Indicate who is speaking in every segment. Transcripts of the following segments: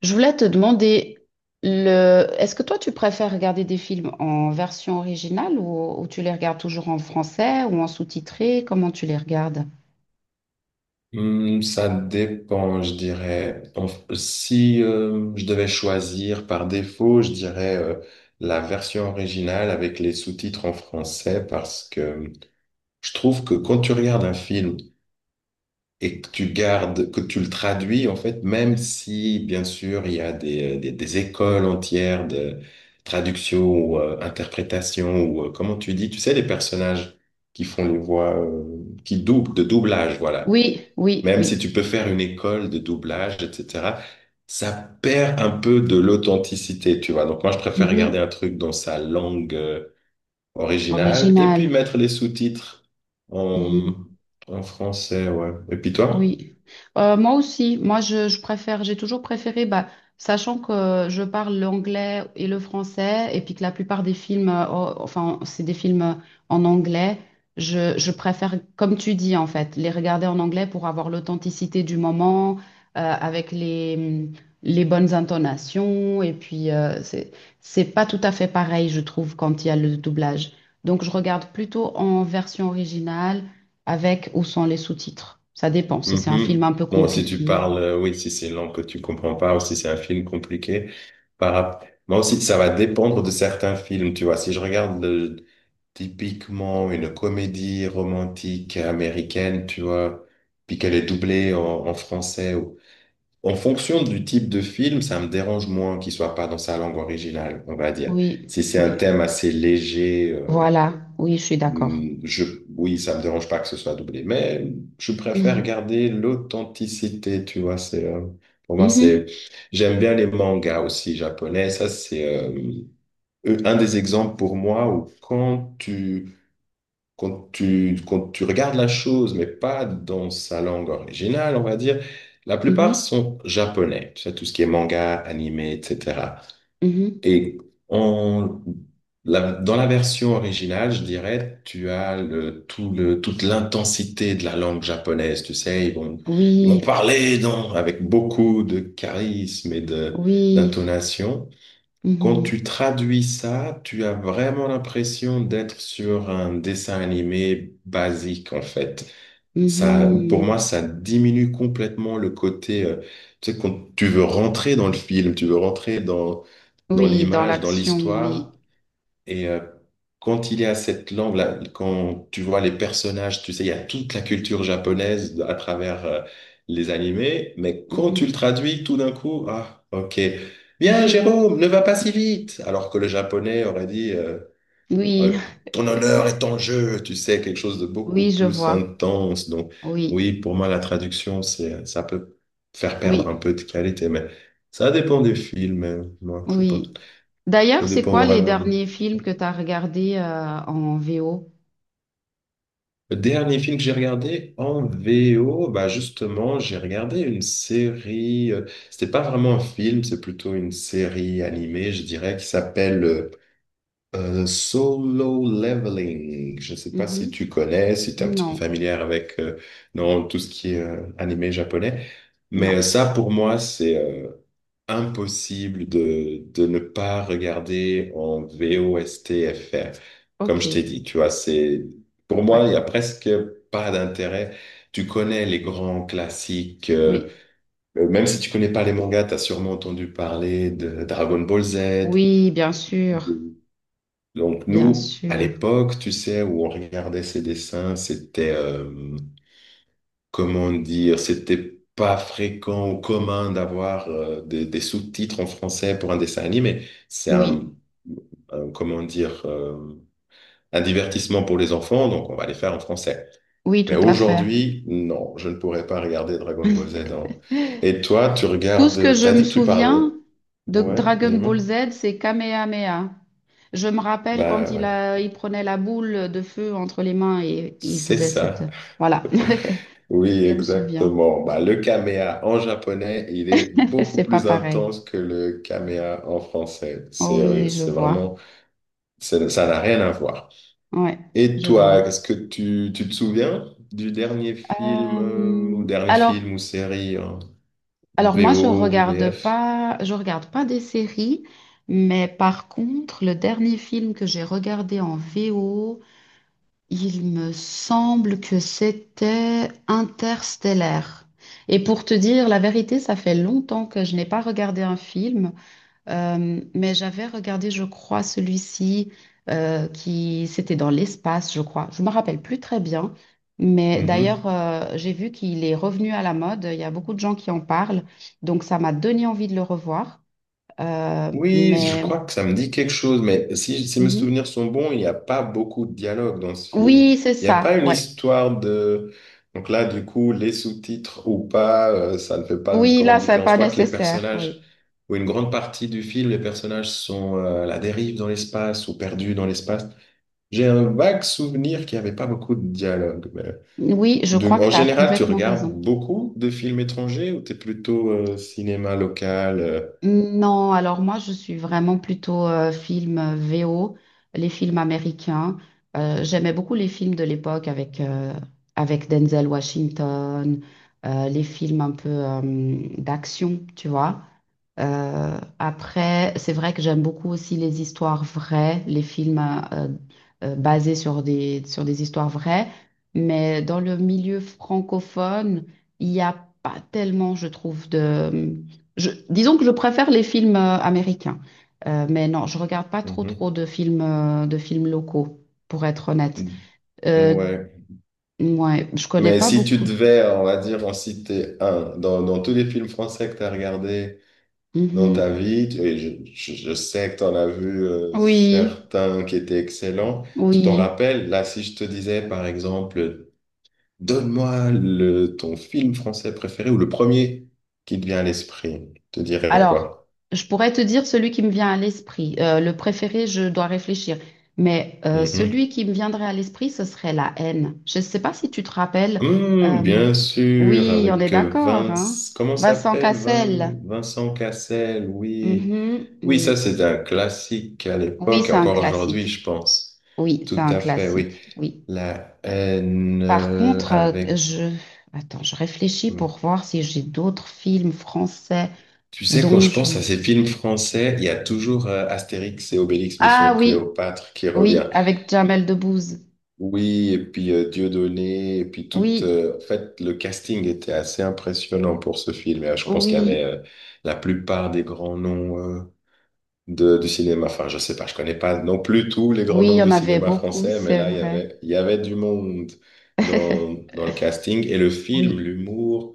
Speaker 1: Je voulais te demander, est-ce que toi tu préfères regarder des films en version originale ou tu les regardes toujours en français ou en sous-titré? Comment tu les regardes?
Speaker 2: Hmm, ça dépend, je dirais. Si je devais choisir par défaut, je dirais la version originale avec les sous-titres en français parce que je trouve que quand tu regardes un film et que tu gardes, que tu le traduis, en fait, même si, bien sûr, il y a des écoles entières de traduction ou interprétation ou comment tu dis, tu sais, les personnages qui font les voix, qui doublent, de doublage, voilà.
Speaker 1: Oui, oui,
Speaker 2: Même si
Speaker 1: oui.
Speaker 2: tu peux faire une école de doublage, etc., ça perd un peu de l'authenticité, tu vois. Donc moi, je préfère regarder
Speaker 1: Mhm.
Speaker 2: un truc dans sa langue originale et puis
Speaker 1: Original.
Speaker 2: mettre les sous-titres en,
Speaker 1: Mhm.
Speaker 2: en français, ouais. Et puis toi?
Speaker 1: Oui, moi aussi, moi je préfère, j'ai toujours préféré, bah, sachant que je parle l'anglais et le français, et puis que la plupart des films, oh, enfin c'est des films en anglais, je préfère, comme tu dis en fait, les regarder en anglais pour avoir l'authenticité du moment, avec les bonnes intonations, et puis c'est pas tout à fait pareil, je trouve, quand il y a le doublage. Donc je regarde plutôt en version originale avec ou sans les sous-titres. Ça dépend, si c'est un film
Speaker 2: Mhm.
Speaker 1: un peu
Speaker 2: Bon, si tu
Speaker 1: compliqué.
Speaker 2: parles, oui, si c'est une langue que tu comprends pas ou si c'est un film compliqué, moi aussi, ça va dépendre de certains films, tu vois. Si je regarde typiquement une comédie romantique américaine, tu vois, puis qu'elle est doublée en français. En fonction du type de film, ça me dérange moins qu'il soit pas dans sa langue originale, on va dire.
Speaker 1: Oui,
Speaker 2: Si c'est un
Speaker 1: oui.
Speaker 2: thème assez léger,
Speaker 1: Voilà, oui, je suis d'accord.
Speaker 2: hmm, je, oui, ça me dérange pas que ce soit doublé, mais je préfère
Speaker 1: Mhm,
Speaker 2: garder l'authenticité, tu vois, c'est, pour moi, c'est,
Speaker 1: mhm,
Speaker 2: j'aime bien les mangas aussi japonais, ça, c'est, un des exemples pour moi où quand tu regardes la chose, mais pas dans sa langue originale, on va dire, la plupart
Speaker 1: mhm,
Speaker 2: sont japonais, tu sais, tout ce qui est manga, animé, etc.
Speaker 1: mhm.
Speaker 2: Et en, dans la version originale, je dirais, tu as toute l'intensité de la langue japonaise, tu sais, ils vont
Speaker 1: Oui,
Speaker 2: parler dans, avec beaucoup de charisme et
Speaker 1: oui.
Speaker 2: d'intonation. Quand
Speaker 1: Mhm,
Speaker 2: tu traduis ça, tu as vraiment l'impression d'être sur un dessin animé basique, en fait. Ça, pour moi,
Speaker 1: mhm.
Speaker 2: ça diminue complètement le côté, tu sais, quand tu veux rentrer dans le film, tu veux rentrer dans
Speaker 1: Oui, dans
Speaker 2: l'image, dans
Speaker 1: l'action,
Speaker 2: l'histoire.
Speaker 1: oui.
Speaker 2: Et quand il est à cette langue, là, quand tu vois les personnages, tu sais, il y a toute la culture japonaise à travers les animés, mais quand tu le
Speaker 1: Mhm.
Speaker 2: traduis, tout d'un coup, ah, ok, bien, Jérôme, ne va pas si vite, alors que le japonais aurait dit,
Speaker 1: Oui,
Speaker 2: euh, ton honneur est en jeu, tu sais, quelque chose de beaucoup
Speaker 1: oui, je
Speaker 2: plus
Speaker 1: vois.
Speaker 2: intense. Donc, oui,
Speaker 1: Oui,
Speaker 2: pour moi, la traduction, c'est, ça peut faire perdre un
Speaker 1: oui,
Speaker 2: peu de qualité, mais ça dépend des films, moi, je sais pas,
Speaker 1: oui.
Speaker 2: ça
Speaker 1: D'ailleurs, c'est
Speaker 2: dépend
Speaker 1: quoi les
Speaker 2: vraiment.
Speaker 1: derniers films que tu as regardés en VO?
Speaker 2: Le dernier film que j'ai regardé en VO, bah justement, j'ai regardé une série. C'était pas vraiment un film, c'est plutôt une série animée, je dirais, qui s'appelle Solo Leveling. Je sais pas si tu
Speaker 1: Mhm.
Speaker 2: connais, si tu es un petit
Speaker 1: Non,
Speaker 2: peu familière avec non, tout ce qui est animé japonais. Mais
Speaker 1: non.
Speaker 2: ça, pour moi, c'est impossible de ne pas regarder en VOSTFR. Comme
Speaker 1: Ok.
Speaker 2: je t'ai dit, tu vois, c'est, pour
Speaker 1: Ouais,
Speaker 2: moi, il y a presque pas d'intérêt. Tu connais les grands classiques,
Speaker 1: oui.
Speaker 2: même si tu connais pas les mangas, tu as sûrement entendu parler de Dragon Ball Z.
Speaker 1: Oui, bien sûr,
Speaker 2: de- Donc
Speaker 1: bien
Speaker 2: nous, à
Speaker 1: sûr.
Speaker 2: l'époque, tu sais, où on regardait ces dessins, c'était comment dire, c'était pas fréquent ou commun d'avoir des sous-titres en français pour un dessin animé. C'est un,
Speaker 1: Oui,
Speaker 2: comment dire, un divertissement pour les enfants, donc on va les faire en français.
Speaker 1: oui,
Speaker 2: Mais
Speaker 1: tout à fait.
Speaker 2: aujourd'hui, non, je ne pourrais pas regarder Dragon Ball Z. Et toi, tu
Speaker 1: Tout ce que
Speaker 2: regardes,
Speaker 1: je
Speaker 2: t'as
Speaker 1: me
Speaker 2: dit que tu parlais.
Speaker 1: souviens de
Speaker 2: Ouais,
Speaker 1: Dragon
Speaker 2: dis-moi.
Speaker 1: Ball Z, c'est Kamehameha. Je me rappelle quand
Speaker 2: Bah ouais,
Speaker 1: il prenait la boule de feu entre les mains et il
Speaker 2: c'est
Speaker 1: faisait cette...
Speaker 2: ça.
Speaker 1: Voilà,
Speaker 2: Oui,
Speaker 1: je me souviens.
Speaker 2: exactement. Bah, le kamea en japonais, il est beaucoup
Speaker 1: C'est pas
Speaker 2: plus
Speaker 1: pareil.
Speaker 2: intense que le kamea en français.
Speaker 1: Oh oui, je
Speaker 2: C'est
Speaker 1: vois.
Speaker 2: vraiment, ça n'a rien à voir.
Speaker 1: Ouais,
Speaker 2: Et
Speaker 1: je vois.
Speaker 2: toi, est-ce que tu te souviens du dernier film ou
Speaker 1: Euh,
Speaker 2: dernier
Speaker 1: alors,
Speaker 2: film ou série en
Speaker 1: Alors moi, je
Speaker 2: VO ou
Speaker 1: regarde
Speaker 2: VF?
Speaker 1: pas, je regarde pas des séries, mais par contre, le dernier film que j'ai regardé en VO, il me semble que c'était Interstellaire. Et pour te dire la vérité, ça fait longtemps que je n'ai pas regardé un film. Mais j'avais regardé, je crois, celui-ci qui c'était dans l'espace, je crois. Je me rappelle plus très bien, mais d'ailleurs j'ai vu qu'il est revenu à la mode. Il y a beaucoup de gens qui en parlent, donc ça m'a donné envie de le revoir. Euh,
Speaker 2: Oui, je
Speaker 1: mais
Speaker 2: crois que ça me dit quelque chose, mais si mes
Speaker 1: Mhm.
Speaker 2: souvenirs sont bons, il n'y a pas beaucoup de dialogue dans ce film.
Speaker 1: Oui, c'est
Speaker 2: Il n'y a
Speaker 1: ça.
Speaker 2: pas une
Speaker 1: Ouais.
Speaker 2: histoire de... Donc là, du coup, les sous-titres ou pas, ça ne fait pas de
Speaker 1: Oui, là,
Speaker 2: grande
Speaker 1: c'est
Speaker 2: différence. Je
Speaker 1: pas
Speaker 2: crois que les
Speaker 1: nécessaire. Oui,
Speaker 2: personnages, ou une grande partie du film, les personnages sont à la dérive dans l'espace ou perdus dans l'espace. J'ai un vague souvenir qu'il n'y avait pas beaucoup de dialogue.
Speaker 1: oui, je crois que
Speaker 2: En
Speaker 1: tu as
Speaker 2: général, tu
Speaker 1: complètement
Speaker 2: regardes
Speaker 1: raison.
Speaker 2: beaucoup de films étrangers ou t'es plutôt cinéma local
Speaker 1: Non, alors moi je suis vraiment plutôt film VO, les films américains. J'aimais beaucoup les films de l'époque avec Denzel Washington, les films un peu d'action, tu vois. Après, c'est vrai que j'aime beaucoup aussi les histoires vraies, les films euh, basés sur des histoires vraies, mais dans le milieu francophone, il n'y a pas tellement, je trouve, disons que je préfère les films américains. Mais non, je regarde pas trop trop de films locaux, pour être honnête.
Speaker 2: mhm.
Speaker 1: Euh,
Speaker 2: Ouais.
Speaker 1: ouais, je connais
Speaker 2: Mais
Speaker 1: pas
Speaker 2: si tu
Speaker 1: beaucoup de.
Speaker 2: devais, on va dire, en citer un, dans tous les films français que tu as regardés dans ta
Speaker 1: Mhm.
Speaker 2: vie, et je sais que tu en as vu
Speaker 1: Oui,
Speaker 2: certains qui étaient excellents, tu t'en
Speaker 1: oui.
Speaker 2: rappelles? Là, si je te disais, par exemple, donne-moi ton film français préféré ou le premier qui te vient à l'esprit, te dirais
Speaker 1: Alors,
Speaker 2: quoi?
Speaker 1: je pourrais te dire celui qui me vient à l'esprit. Le préféré, je dois réfléchir. Mais
Speaker 2: Mhm.
Speaker 1: celui qui me viendrait à l'esprit, ce serait La haine. Je ne sais pas si tu te rappelles. Euh,
Speaker 2: Bien sûr,
Speaker 1: oui, on est
Speaker 2: avec
Speaker 1: d'accord, hein?
Speaker 2: Comment
Speaker 1: Vincent
Speaker 2: s'appelle
Speaker 1: Cassel.
Speaker 2: Vincent Cassel, oui.
Speaker 1: Mhm,
Speaker 2: Oui, ça
Speaker 1: oui.
Speaker 2: c'est un classique à
Speaker 1: Oui,
Speaker 2: l'époque et
Speaker 1: c'est un
Speaker 2: encore aujourd'hui,
Speaker 1: classique.
Speaker 2: je pense.
Speaker 1: Oui, c'est
Speaker 2: Tout
Speaker 1: un
Speaker 2: à fait, oui.
Speaker 1: classique. Oui.
Speaker 2: La haine
Speaker 1: Par contre, euh, je... Attends, je réfléchis
Speaker 2: hum,
Speaker 1: pour voir si j'ai d'autres films français
Speaker 2: Tu sais, quand
Speaker 1: dont
Speaker 2: je
Speaker 1: je...
Speaker 2: pense
Speaker 1: me
Speaker 2: à ces
Speaker 1: sou-
Speaker 2: films français, il y a toujours Astérix et Obélix,
Speaker 1: Ah
Speaker 2: Mission
Speaker 1: oui,
Speaker 2: Cléopâtre qui
Speaker 1: oui,
Speaker 2: revient.
Speaker 1: avec Jamel Debbouze.
Speaker 2: Oui, et puis Dieudonné, et puis
Speaker 1: Oui,
Speaker 2: En fait, le casting était assez impressionnant pour ce film. Et, je pense qu'il y avait
Speaker 1: oui,
Speaker 2: la plupart des grands noms du cinéma. Enfin, je sais pas, je connais pas non plus tous les grands
Speaker 1: oui, il
Speaker 2: noms
Speaker 1: y
Speaker 2: du
Speaker 1: en avait
Speaker 2: cinéma
Speaker 1: beaucoup,
Speaker 2: français, mais
Speaker 1: c'est
Speaker 2: là, il y
Speaker 1: vrai.
Speaker 2: avait, il y avait du monde dans, dans le casting. Et le film,
Speaker 1: Oui,
Speaker 2: l'humour,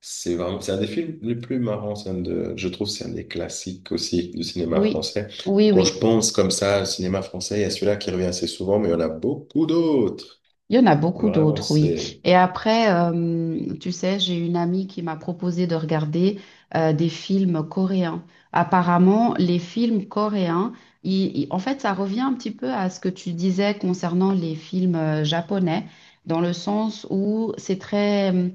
Speaker 2: c'est vraiment, c'est un des films les plus marrants. Je trouve, c'est un des classiques aussi du cinéma
Speaker 1: oui,
Speaker 2: français.
Speaker 1: oui,
Speaker 2: Quand je
Speaker 1: oui.
Speaker 2: pense comme ça, au cinéma français, il y a celui-là qui revient assez souvent, mais il y en a beaucoup d'autres.
Speaker 1: Il y en a beaucoup
Speaker 2: Vraiment,
Speaker 1: d'autres, oui.
Speaker 2: c'est
Speaker 1: Et après, tu sais, j'ai une amie qui m'a proposé de regarder des films coréens. Apparemment, les films coréens, en fait, ça revient un petit peu à ce que tu disais concernant les films japonais, dans le sens où c'est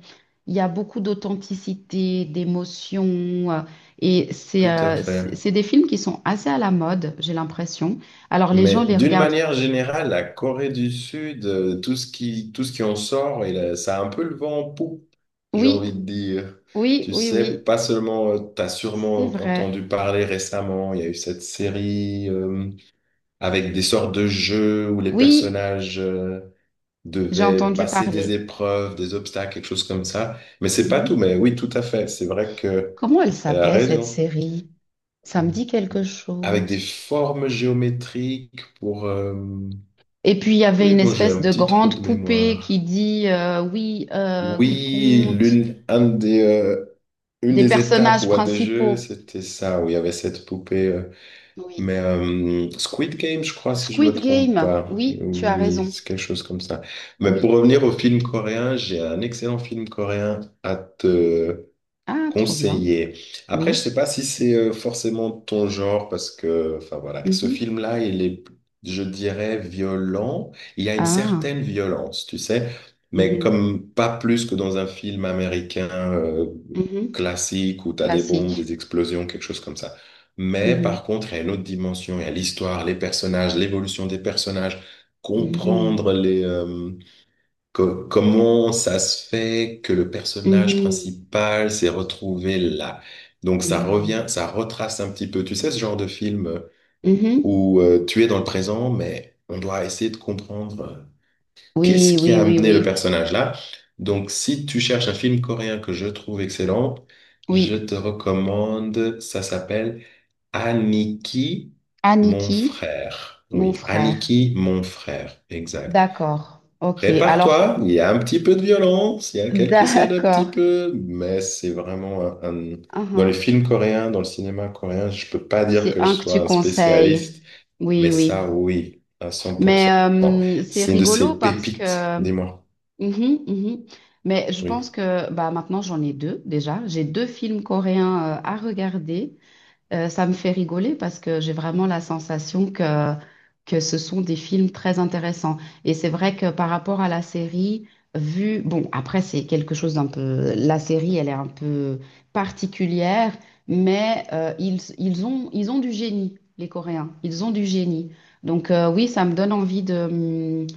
Speaker 1: il y a beaucoup d'authenticité, d'émotion, euh, et c'est
Speaker 2: tout à
Speaker 1: euh, c'est
Speaker 2: fait.
Speaker 1: c'est des films qui sont assez à la mode, j'ai l'impression. Alors, les gens
Speaker 2: Mais
Speaker 1: les
Speaker 2: d'une
Speaker 1: regardent.
Speaker 2: manière générale, la Corée du Sud, tout ce qui en sort, ça a un peu le vent en poupe, j'ai
Speaker 1: Oui,
Speaker 2: envie de dire.
Speaker 1: oui,
Speaker 2: Tu
Speaker 1: oui,
Speaker 2: sais,
Speaker 1: oui.
Speaker 2: pas seulement, tu as
Speaker 1: C'est
Speaker 2: sûrement
Speaker 1: vrai.
Speaker 2: entendu parler récemment, il y a eu cette série avec des sortes de jeux où les
Speaker 1: Oui,
Speaker 2: personnages
Speaker 1: j'ai
Speaker 2: devaient
Speaker 1: entendu
Speaker 2: passer des
Speaker 1: parler.
Speaker 2: épreuves, des obstacles, quelque chose comme ça. Mais c'est pas tout,
Speaker 1: Mhm.
Speaker 2: mais oui, tout à fait. C'est vrai que
Speaker 1: Comment elle
Speaker 2: elle a
Speaker 1: s'appelait cette
Speaker 2: raison
Speaker 1: série? Ça me dit quelque
Speaker 2: avec des
Speaker 1: chose.
Speaker 2: formes géométriques pour,
Speaker 1: Et puis il y avait
Speaker 2: oui,
Speaker 1: une
Speaker 2: bon, j'ai
Speaker 1: espèce
Speaker 2: un
Speaker 1: de
Speaker 2: petit trou
Speaker 1: grande
Speaker 2: de
Speaker 1: poupée qui
Speaker 2: mémoire.
Speaker 1: dit oui, qui
Speaker 2: Oui,
Speaker 1: compte
Speaker 2: une
Speaker 1: des
Speaker 2: des étapes
Speaker 1: personnages
Speaker 2: ou un des jeux,
Speaker 1: principaux.
Speaker 2: c'était ça, où il y avait cette poupée. euh,
Speaker 1: Oui.
Speaker 2: mais euh, Squid Game, je crois, si je me
Speaker 1: Squid
Speaker 2: trompe
Speaker 1: Game.
Speaker 2: pas.
Speaker 1: Oui, tu as
Speaker 2: Oui,
Speaker 1: raison.
Speaker 2: c'est quelque chose comme ça. Mais pour
Speaker 1: Oui.
Speaker 2: revenir au film coréen, j'ai un excellent film coréen à te
Speaker 1: Ah, trop bien.
Speaker 2: conseiller. Après, je
Speaker 1: Oui.
Speaker 2: sais pas si c'est forcément ton genre parce que, enfin voilà, ce
Speaker 1: Mhm.
Speaker 2: film-là, il est, je dirais, violent. Il y a une
Speaker 1: Ah.
Speaker 2: certaine violence, tu sais, mais
Speaker 1: Mhm.
Speaker 2: comme pas plus que dans un film américain
Speaker 1: Mhm.
Speaker 2: classique où t'as des bombes,
Speaker 1: Classique.
Speaker 2: des explosions, quelque chose comme ça. Mais par
Speaker 1: Mhm.
Speaker 2: contre, il y a une autre dimension, il y a l'histoire, les personnages, l'évolution des personnages,
Speaker 1: Mhm.
Speaker 2: comprendre comment ça se fait que le personnage
Speaker 1: Mhm.
Speaker 2: principal s'est retrouvé là? Donc ça revient,
Speaker 1: Mhm.
Speaker 2: ça retrace un petit peu, tu sais, ce genre de film
Speaker 1: Mhm.
Speaker 2: où tu es dans le présent, mais on doit essayer de comprendre qu'est-ce
Speaker 1: Oui,
Speaker 2: qui
Speaker 1: oui,
Speaker 2: a
Speaker 1: oui,
Speaker 2: amené le
Speaker 1: oui.
Speaker 2: personnage là. Donc si tu cherches un film coréen que je trouve excellent, je
Speaker 1: Oui,
Speaker 2: te recommande, ça s'appelle Aniki, mon
Speaker 1: Aniki,
Speaker 2: frère.
Speaker 1: mon
Speaker 2: Oui,
Speaker 1: frère.
Speaker 2: Aniki, mon frère, exact.
Speaker 1: D'accord. Ok. Alors,
Speaker 2: Prépare-toi, il y a un petit peu de violence, il y a quelques scènes un petit
Speaker 1: d'accord.
Speaker 2: peu, mais c'est vraiment un. Dans les
Speaker 1: Uhum.
Speaker 2: films coréens, dans le cinéma coréen, je peux pas dire
Speaker 1: C'est
Speaker 2: que je
Speaker 1: un que
Speaker 2: sois
Speaker 1: tu
Speaker 2: un
Speaker 1: conseilles.
Speaker 2: spécialiste,
Speaker 1: Oui,
Speaker 2: mais ça,
Speaker 1: oui.
Speaker 2: oui, à
Speaker 1: Mais
Speaker 2: 100%.
Speaker 1: euh, c'est
Speaker 2: C'est une de
Speaker 1: rigolo
Speaker 2: ces
Speaker 1: parce
Speaker 2: pépites,
Speaker 1: que. Mhm,
Speaker 2: dis-moi.
Speaker 1: mhm. Mais je
Speaker 2: Oui.
Speaker 1: pense que bah, maintenant, j'en ai deux déjà. J'ai deux films coréens à regarder. Ça me fait rigoler parce que j'ai vraiment la sensation que ce sont des films très intéressants. Et c'est vrai que par rapport à la série, vu, bon, après, c'est quelque chose d'un peu, la série, elle est un peu particulière, mais ils ont du génie, les Coréens. Ils ont du génie. Donc oui, ça me donne envie de, hum,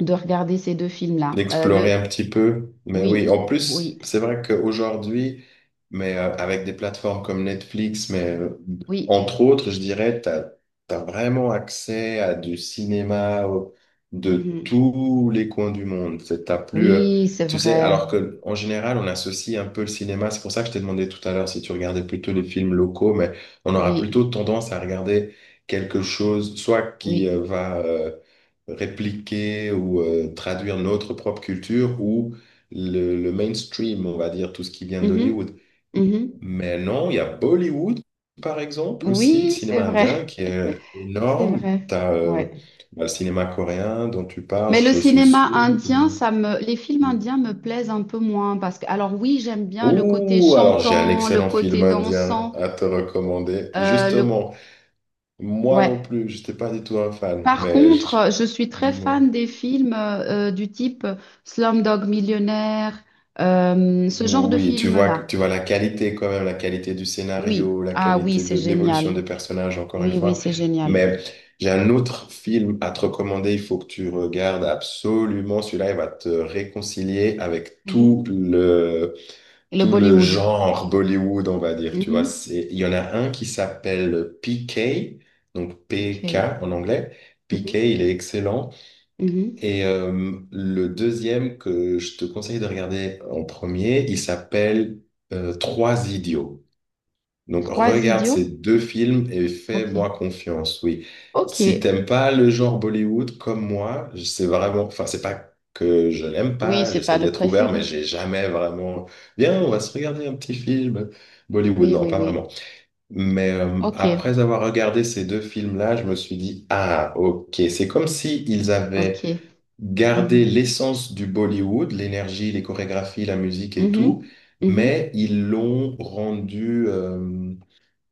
Speaker 1: de regarder ces deux films-là.
Speaker 2: D'explorer un petit peu. Mais oui,
Speaker 1: Oui,
Speaker 2: en
Speaker 1: oui,
Speaker 2: plus, c'est vrai qu'aujourd'hui, mais avec des plateformes comme Netflix, mais
Speaker 1: oui.
Speaker 2: entre autres, je dirais, tu as, vraiment accès à du cinéma de
Speaker 1: Mhm.
Speaker 2: tous les coins du monde. T'as plus,
Speaker 1: Oui, c'est
Speaker 2: tu sais,
Speaker 1: vrai.
Speaker 2: alors que en général, on associe un peu le cinéma. C'est pour ça que je t'ai demandé tout à l'heure si tu regardais plutôt les films locaux, mais on aura
Speaker 1: Oui,
Speaker 2: plutôt tendance à regarder quelque chose, soit qui
Speaker 1: oui.
Speaker 2: va répliquer ou traduire notre propre culture ou le mainstream, on va dire, tout ce qui vient
Speaker 1: Mhm,
Speaker 2: d'Hollywood.
Speaker 1: mhm.
Speaker 2: Mais non, il y a Bollywood, par exemple, aussi, le
Speaker 1: Oui, c'est
Speaker 2: cinéma
Speaker 1: vrai.
Speaker 2: indien qui est
Speaker 1: C'est
Speaker 2: énorme.
Speaker 1: vrai.
Speaker 2: T'as
Speaker 1: Ouais.
Speaker 2: bah, le cinéma coréen dont tu parles,
Speaker 1: Mais le
Speaker 2: je suis
Speaker 1: cinéma
Speaker 2: sûr que...
Speaker 1: indien, les films indiens me plaisent un peu moins parce que, alors oui, j'aime bien le côté
Speaker 2: Ouh, alors j'ai un
Speaker 1: chantant, le
Speaker 2: excellent
Speaker 1: côté
Speaker 2: film indien
Speaker 1: dansant,
Speaker 2: à te recommander.
Speaker 1: euh, le,
Speaker 2: Justement, moi non
Speaker 1: ouais.
Speaker 2: plus, je n'étais pas du tout un fan,
Speaker 1: Par contre, je suis très
Speaker 2: dis-moi.
Speaker 1: fan des films du type Slumdog Millionnaire, ce genre de
Speaker 2: Oui,
Speaker 1: film-là.
Speaker 2: tu vois la qualité quand même, la qualité du
Speaker 1: Oui.
Speaker 2: scénario, la
Speaker 1: Ah oui,
Speaker 2: qualité
Speaker 1: c'est
Speaker 2: de l'évolution
Speaker 1: génial.
Speaker 2: des personnages, encore une
Speaker 1: Oui, oui,
Speaker 2: fois.
Speaker 1: c'est génial.
Speaker 2: Mais j'ai un autre film à te recommander, il faut que tu regardes absolument. Celui-là, il va te réconcilier avec tout
Speaker 1: Mhm.
Speaker 2: le,
Speaker 1: Et le
Speaker 2: tout le
Speaker 1: Bollywood.
Speaker 2: genre Bollywood, on va dire. Tu vois,
Speaker 1: Mhm.
Speaker 2: c'est, il y en a un qui s'appelle PK, donc
Speaker 1: P
Speaker 2: PK
Speaker 1: K.
Speaker 2: en anglais. PK,
Speaker 1: Mhm.
Speaker 2: il est excellent.
Speaker 1: Mhm.
Speaker 2: Et le deuxième que je te conseille de regarder en premier, il s'appelle Trois idiots. Donc
Speaker 1: Trois
Speaker 2: regarde ces
Speaker 1: idiots?
Speaker 2: deux films et fais-moi
Speaker 1: Ok.
Speaker 2: confiance, oui.
Speaker 1: Ok.
Speaker 2: Si t'aimes pas le genre Bollywood comme moi, c'est vraiment, enfin c'est pas que je l'aime
Speaker 1: Oui,
Speaker 2: pas,
Speaker 1: c'est pas
Speaker 2: j'essaie
Speaker 1: le
Speaker 2: d'être ouvert, mais
Speaker 1: préféré.
Speaker 2: j'ai jamais vraiment. Viens, on va se
Speaker 1: Oui.
Speaker 2: regarder un petit film Bollywood,
Speaker 1: Oui,
Speaker 2: non,
Speaker 1: oui,
Speaker 2: pas vraiment.
Speaker 1: oui.
Speaker 2: Mais
Speaker 1: Ok.
Speaker 2: après avoir regardé ces deux films-là, je me suis dit, ah, ok, c'est comme si ils avaient
Speaker 1: Ok.
Speaker 2: garder
Speaker 1: Mhm.
Speaker 2: l'essence du Bollywood, l'énergie, les chorégraphies, la musique et tout,
Speaker 1: Mhm. Mhm.
Speaker 2: mais ils l'ont rendu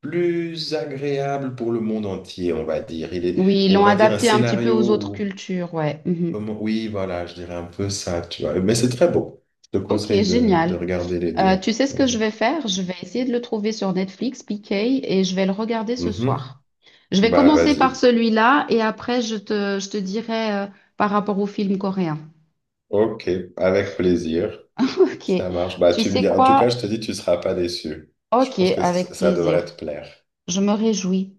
Speaker 2: plus agréable pour le monde entier, on va dire. Il est,
Speaker 1: Oui, ils
Speaker 2: on
Speaker 1: l'ont
Speaker 2: va dire un
Speaker 1: adapté un petit peu
Speaker 2: scénario
Speaker 1: aux autres
Speaker 2: où,
Speaker 1: cultures, ouais. Mhm.
Speaker 2: comment, oui, voilà, je dirais un peu ça, tu vois. Mais c'est très beau. Je te
Speaker 1: Ok,
Speaker 2: conseille de
Speaker 1: génial.
Speaker 2: regarder les deux.
Speaker 1: Tu sais ce que je
Speaker 2: Vas-y.
Speaker 1: vais faire? Je vais essayer de le trouver sur Netflix, PK, et je vais le regarder ce
Speaker 2: Mhm.
Speaker 1: soir. Je vais
Speaker 2: Bah,
Speaker 1: commencer
Speaker 2: vas-y.
Speaker 1: par celui-là et après je te dirai par rapport au film coréen.
Speaker 2: Ok, avec plaisir.
Speaker 1: Ok.
Speaker 2: Ça marche. Bah,
Speaker 1: Tu
Speaker 2: tu me
Speaker 1: sais
Speaker 2: dis, en tout cas, je
Speaker 1: quoi?
Speaker 2: te dis, tu seras pas déçu. Je
Speaker 1: Ok,
Speaker 2: pense que
Speaker 1: avec
Speaker 2: ça
Speaker 1: plaisir.
Speaker 2: devrait te plaire.
Speaker 1: Je me réjouis.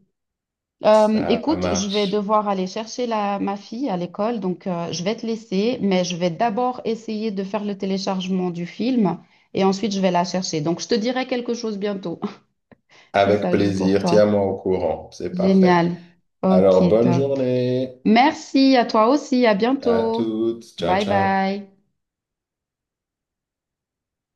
Speaker 2: Ça
Speaker 1: Écoute, je vais
Speaker 2: marche.
Speaker 1: devoir aller chercher ma fille à l'école, donc je vais te laisser, mais je vais d'abord essayer de faire le téléchargement du film et ensuite je vais la chercher. Donc je te dirai quelque chose bientôt, si
Speaker 2: Avec
Speaker 1: ça joue pour
Speaker 2: plaisir,
Speaker 1: toi.
Speaker 2: tiens-moi au courant, c'est parfait.
Speaker 1: Génial. Ok,
Speaker 2: Alors, bonne
Speaker 1: top.
Speaker 2: journée
Speaker 1: Merci à toi aussi, à
Speaker 2: à
Speaker 1: bientôt.
Speaker 2: toutes. Ciao,
Speaker 1: Bye
Speaker 2: ciao.
Speaker 1: bye.